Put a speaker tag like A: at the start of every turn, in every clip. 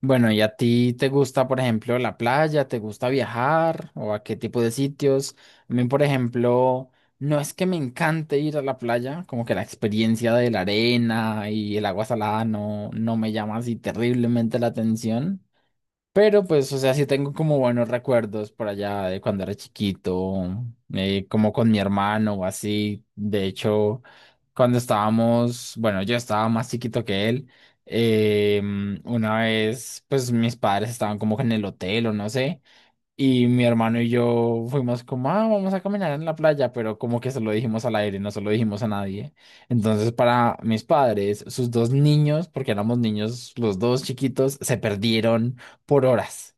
A: Bueno, ¿y a ti te gusta, por ejemplo, la playa? ¿Te gusta viajar? ¿O a qué tipo de sitios? A mí, por ejemplo, no es que me encante ir a la playa, como que la experiencia de la arena y el agua salada no me llama así terriblemente la atención. Pero pues, o sea, sí tengo como buenos recuerdos por allá de cuando era chiquito, como con mi hermano o así. De hecho, cuando estábamos, bueno, yo estaba más chiquito que él. eh, una vez, pues mis padres estaban como que en el hotel o no sé. Y mi hermano y yo fuimos como, ah, vamos a caminar en la playa, pero como que se lo dijimos al aire, no se lo dijimos a nadie. Entonces, para mis padres, sus dos niños, porque éramos niños los dos chiquitos, se perdieron por horas.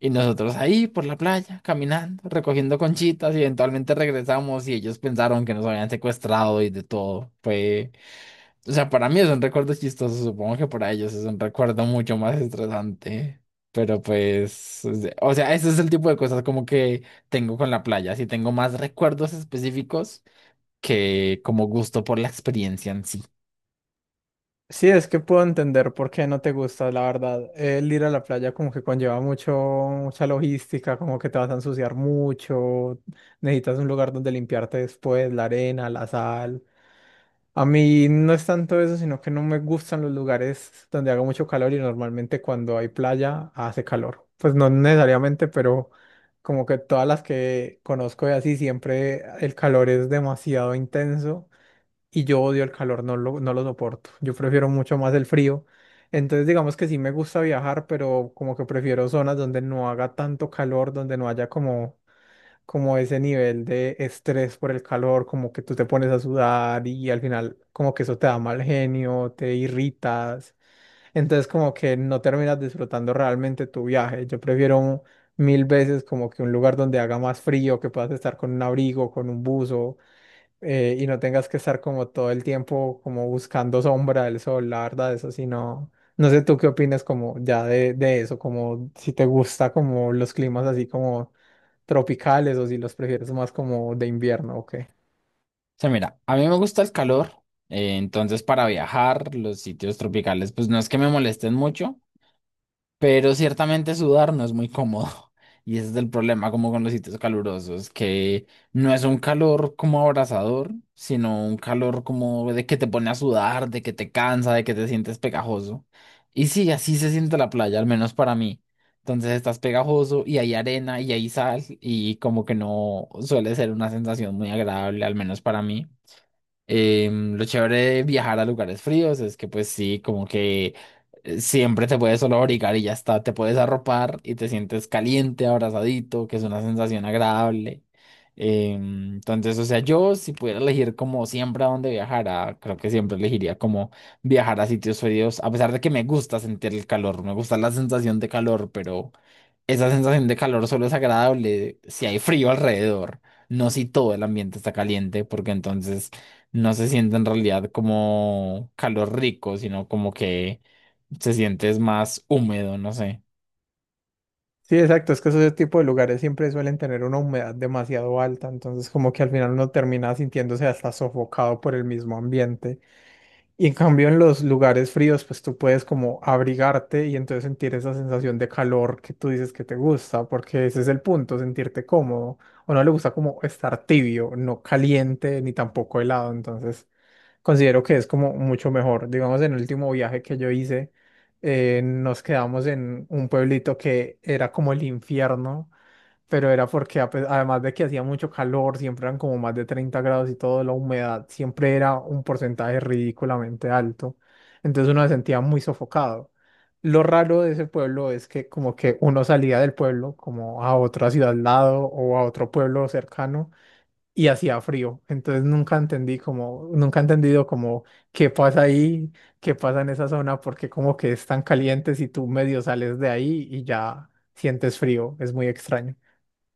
A: Y nosotros ahí por la playa, caminando, recogiendo conchitas y eventualmente regresamos y ellos pensaron que nos habían secuestrado y de todo. Fue, o sea, para mí es un recuerdo chistoso, supongo que para ellos es un recuerdo mucho más estresante. Pero pues, o sea, ese es el tipo de cosas como que tengo con la playa. Sí tengo más recuerdos específicos que como gusto por la experiencia en sí.
B: Sí, es que puedo entender por qué no te gusta, la verdad. El ir a la playa como que conlleva mucha logística, como que te vas a ensuciar mucho, necesitas un lugar donde limpiarte después, la arena, la sal. A mí no es tanto eso, sino que no me gustan los lugares donde haga mucho calor y normalmente cuando hay playa hace calor. Pues no necesariamente, pero como que todas las que conozco y así siempre el calor es demasiado intenso y yo odio el calor, no lo soporto. Yo prefiero mucho más el frío. Entonces, digamos que sí me gusta viajar, pero como que prefiero zonas donde no haga tanto calor, donde no haya como, como ese nivel de estrés por el calor, como que tú te pones a sudar y al final como que eso te da mal genio, te irritas. Entonces, como que no terminas disfrutando realmente tu viaje. Yo prefiero mil veces como que un lugar donde haga más frío, que puedas estar con un abrigo, con un buzo, y no tengas que estar como todo el tiempo como buscando sombra del sol, la verdad, eso sí no, no sé tú qué opinas como ya de eso, como si te gusta como los climas así como tropicales o si los prefieres más como de invierno o qué.
A: O sea, mira, a mí me gusta el calor, entonces para viajar, los sitios tropicales, pues no es que me molesten mucho. Pero ciertamente sudar no es muy cómodo. Y ese es el problema como con los sitios calurosos, que no es un calor como abrasador, sino un calor como de que te pone a sudar, de que te cansa, de que te sientes pegajoso. Y sí, así se siente la playa, al menos para mí. Entonces estás pegajoso y hay arena y hay sal y como que no suele ser una sensación muy agradable, al menos para mí. Lo chévere de viajar a lugares fríos es que pues sí, como que siempre te puedes solo abrigar y ya está, te puedes arropar y te sientes caliente, abrazadito, que es una sensación agradable. Entonces, o sea, yo si pudiera elegir como siempre a dónde viajara, creo que siempre elegiría como viajar a sitios fríos, a pesar de que me gusta sentir el calor, me gusta la sensación de calor, pero... Esa sensación de calor solo es agradable si hay frío alrededor, no si todo el ambiente está caliente, porque entonces no se siente en realidad como calor rico, sino como que se siente es más húmedo, no sé.
B: Sí, exacto, es que esos tipo de lugares siempre suelen tener una humedad demasiado alta, entonces como que al final uno termina sintiéndose hasta sofocado por el mismo ambiente. Y en cambio en los lugares fríos, pues tú puedes como abrigarte y entonces sentir esa sensación de calor que tú dices que te gusta, porque ese es el punto, sentirte cómodo. O no le gusta como estar tibio, no caliente ni tampoco helado. Entonces considero que es como mucho mejor. Digamos, en el último viaje que yo hice, nos quedamos en un pueblito que era como el infierno, pero era porque además de que hacía mucho calor, siempre eran como más de 30 grados y todo, la humedad siempre era un porcentaje ridículamente alto. Entonces uno se sentía muy sofocado. Lo raro de ese pueblo es que como que uno salía del pueblo como a otra ciudad al lado o a otro pueblo cercano y hacía frío. Entonces nunca he entendido como qué pasa ahí, qué pasa en esa zona, porque como que es tan caliente si tú medio sales de ahí y ya sientes frío. Es muy extraño.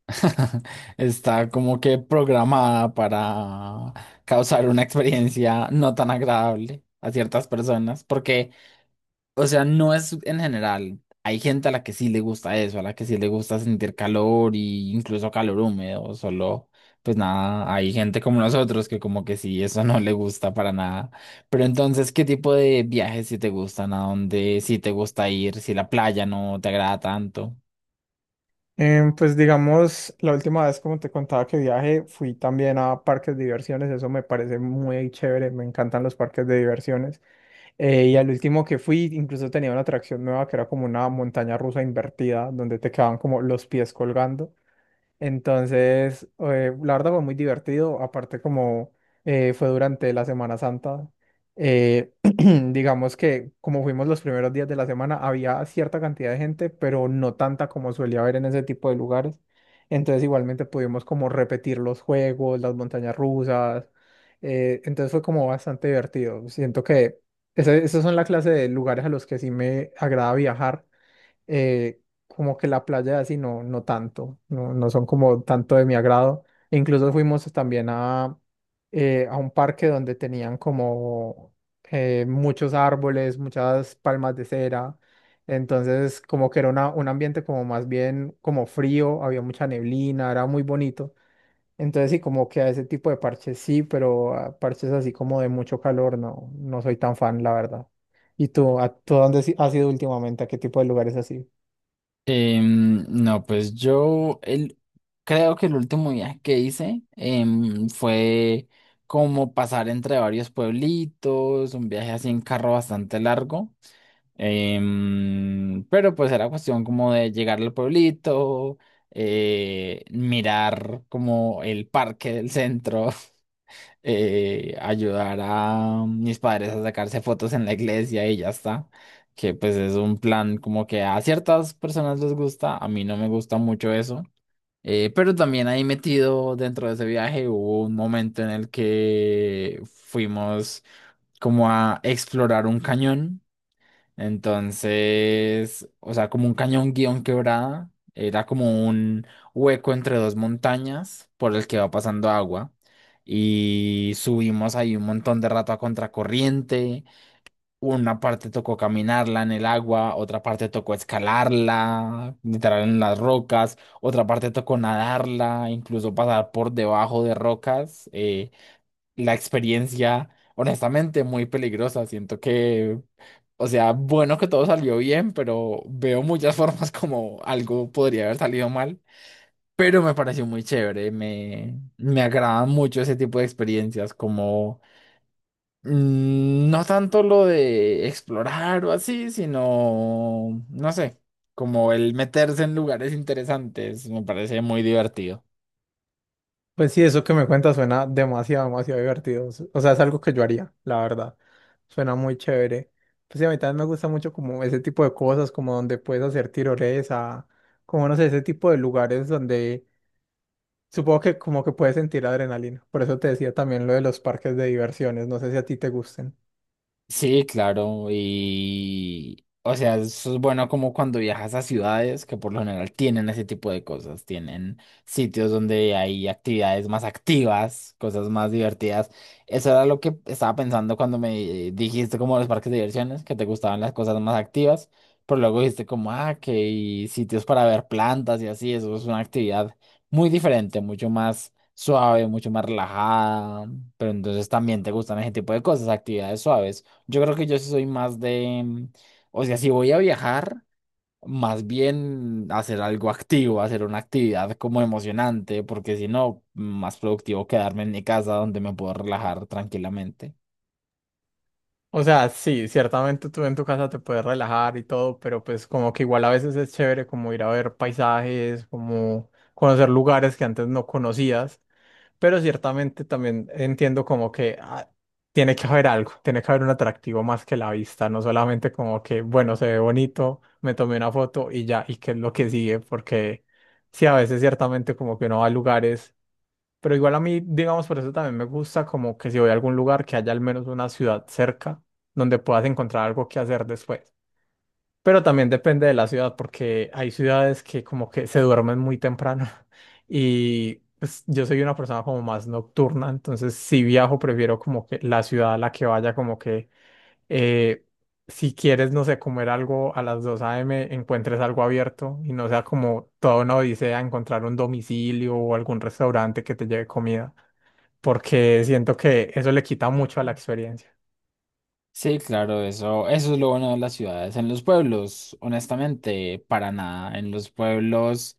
A: Está como que programada para causar una experiencia no tan agradable a ciertas personas, porque, o sea, no es en general. Hay gente a la que sí le gusta eso, a la que sí le gusta sentir calor y incluso calor húmedo, solo, pues nada, hay gente como nosotros que como que sí, eso no le gusta para nada. Pero entonces, ¿qué tipo de viajes sí te gustan? ¿A dónde sí te gusta ir? Si la playa no te agrada tanto.
B: Pues digamos, la última vez, como te contaba que viaje, fui también a parques de diversiones, eso me parece muy chévere, me encantan los parques de diversiones. Y al último que fui, incluso tenía una atracción nueva que era como una montaña rusa invertida, donde te quedaban como los pies colgando. Entonces, la verdad fue muy divertido, aparte como fue durante la Semana Santa, eh, digamos que como fuimos los primeros días de la semana, había cierta cantidad de gente, pero no tanta como suele haber en ese tipo de lugares. Entonces, igualmente pudimos como repetir los juegos, las montañas rusas. Entonces fue como bastante divertido. Siento que esos son la clase de lugares a los que sí me agrada viajar, eh, como que la playa así no, no tanto, no, no son como tanto de mi agrado. E incluso fuimos también a un parque donde tenían como muchos árboles, muchas palmas de cera. Entonces como que era un ambiente como más bien como frío, había mucha neblina, era muy bonito. Entonces sí, como que a ese tipo de parches sí, pero a parches así como de mucho calor, no, no soy tan fan, la verdad. ¿Y tú, tú dónde has ido últimamente? ¿A qué tipo de lugares así?
A: No, pues creo que el último viaje que hice fue como pasar entre varios pueblitos, un viaje así en carro bastante largo. Pero pues era cuestión como de llegar al pueblito, mirar como el parque del centro. Ayudar a mis padres a sacarse fotos en la iglesia y ya está. Que pues es un plan como que a ciertas personas les gusta, a mí no me gusta mucho eso. Pero también ahí metido dentro de ese viaje hubo un momento en el que fuimos como a explorar un cañón. Entonces, o sea, como un cañón guión quebrada, era como un hueco entre dos montañas por el que va pasando agua. Y subimos ahí un montón de rato a contracorriente. Una parte tocó caminarla en el agua, otra parte tocó escalarla, literal en las rocas, otra parte tocó nadarla, incluso pasar por debajo de rocas. La experiencia, honestamente, muy peligrosa. Siento que, o sea, bueno que todo salió bien, pero veo muchas formas como algo podría haber salido mal. Pero me pareció muy chévere, me agradan mucho ese tipo de experiencias, como no tanto lo de explorar o así, sino, no sé, como el meterse en lugares interesantes, me parece muy divertido.
B: Pues sí, eso que me cuentas suena demasiado, demasiado divertido. O sea, es algo que yo haría, la verdad. Suena muy chévere. Pues sí, a mí también me gusta mucho como ese tipo de cosas, como donde puedes hacer tirolesa, como no sé, ese tipo de lugares donde supongo que como que puedes sentir adrenalina. Por eso te decía también lo de los parques de diversiones. No sé si a ti te gusten.
A: Sí, claro, y o sea, eso es bueno como cuando viajas a ciudades que por lo general tienen ese tipo de cosas, tienen sitios donde hay actividades más activas, cosas más divertidas. Eso era lo que estaba pensando cuando me dijiste como los parques de diversiones, que te gustaban las cosas más activas, pero luego dijiste como, ah, que hay sitios para ver plantas y así, eso es una actividad muy diferente, mucho más suave, mucho más relajada, pero entonces también te gustan ese tipo de cosas, actividades suaves. Yo creo que yo sí soy más de, o sea, si voy a viajar, más bien hacer algo activo, hacer una actividad como emocionante, porque si no, más productivo quedarme en mi casa donde me puedo relajar tranquilamente.
B: O sea, sí, ciertamente tú en tu casa te puedes relajar y todo, pero pues como que igual a veces es chévere como ir a ver paisajes, como conocer lugares que antes no conocías. Pero ciertamente también entiendo como que ah, tiene que haber algo, tiene que haber un atractivo más que la vista, no solamente como que, bueno, se ve bonito, me tomé una foto y ya, y qué es lo que sigue, porque sí, a veces ciertamente como que uno va a lugares, pero igual a mí, digamos, por eso también me gusta como que si voy a algún lugar, que haya al menos una ciudad cerca donde puedas encontrar algo que hacer después. Pero también depende de la ciudad, porque hay ciudades que como que se duermen muy temprano y pues, yo soy una persona como más nocturna, entonces si viajo prefiero como que la ciudad a la que vaya, como que eh, si quieres, no sé, comer algo a las 2 a.m., encuentres algo abierto y no sea como toda una odisea encontrar un domicilio o algún restaurante que te lleve comida, porque siento que eso le quita mucho a la experiencia.
A: Sí, claro, eso es lo bueno de las ciudades. En los pueblos, honestamente, para nada. En los pueblos.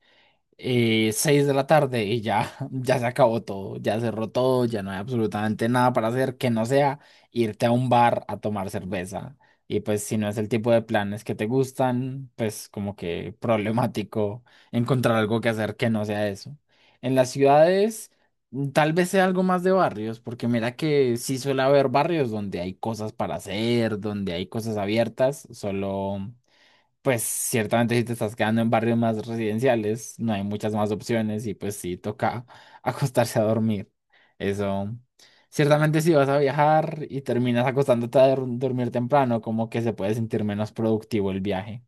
A: 6 de la tarde y ya, ya se acabó todo, ya cerró todo, ya no hay absolutamente nada para hacer que no sea irte a un bar a tomar cerveza. Y pues si no es el tipo de planes que te gustan, pues como que problemático encontrar algo que hacer que no sea eso. En las ciudades tal vez sea algo más de barrios, porque mira que sí suele haber barrios donde hay cosas para hacer, donde hay cosas abiertas, solo... Pues ciertamente si te estás quedando en barrios más residenciales, no hay muchas más opciones y pues sí toca acostarse a dormir. Eso, ciertamente si vas a viajar y terminas acostándote a dormir temprano, como que se puede sentir menos productivo el viaje.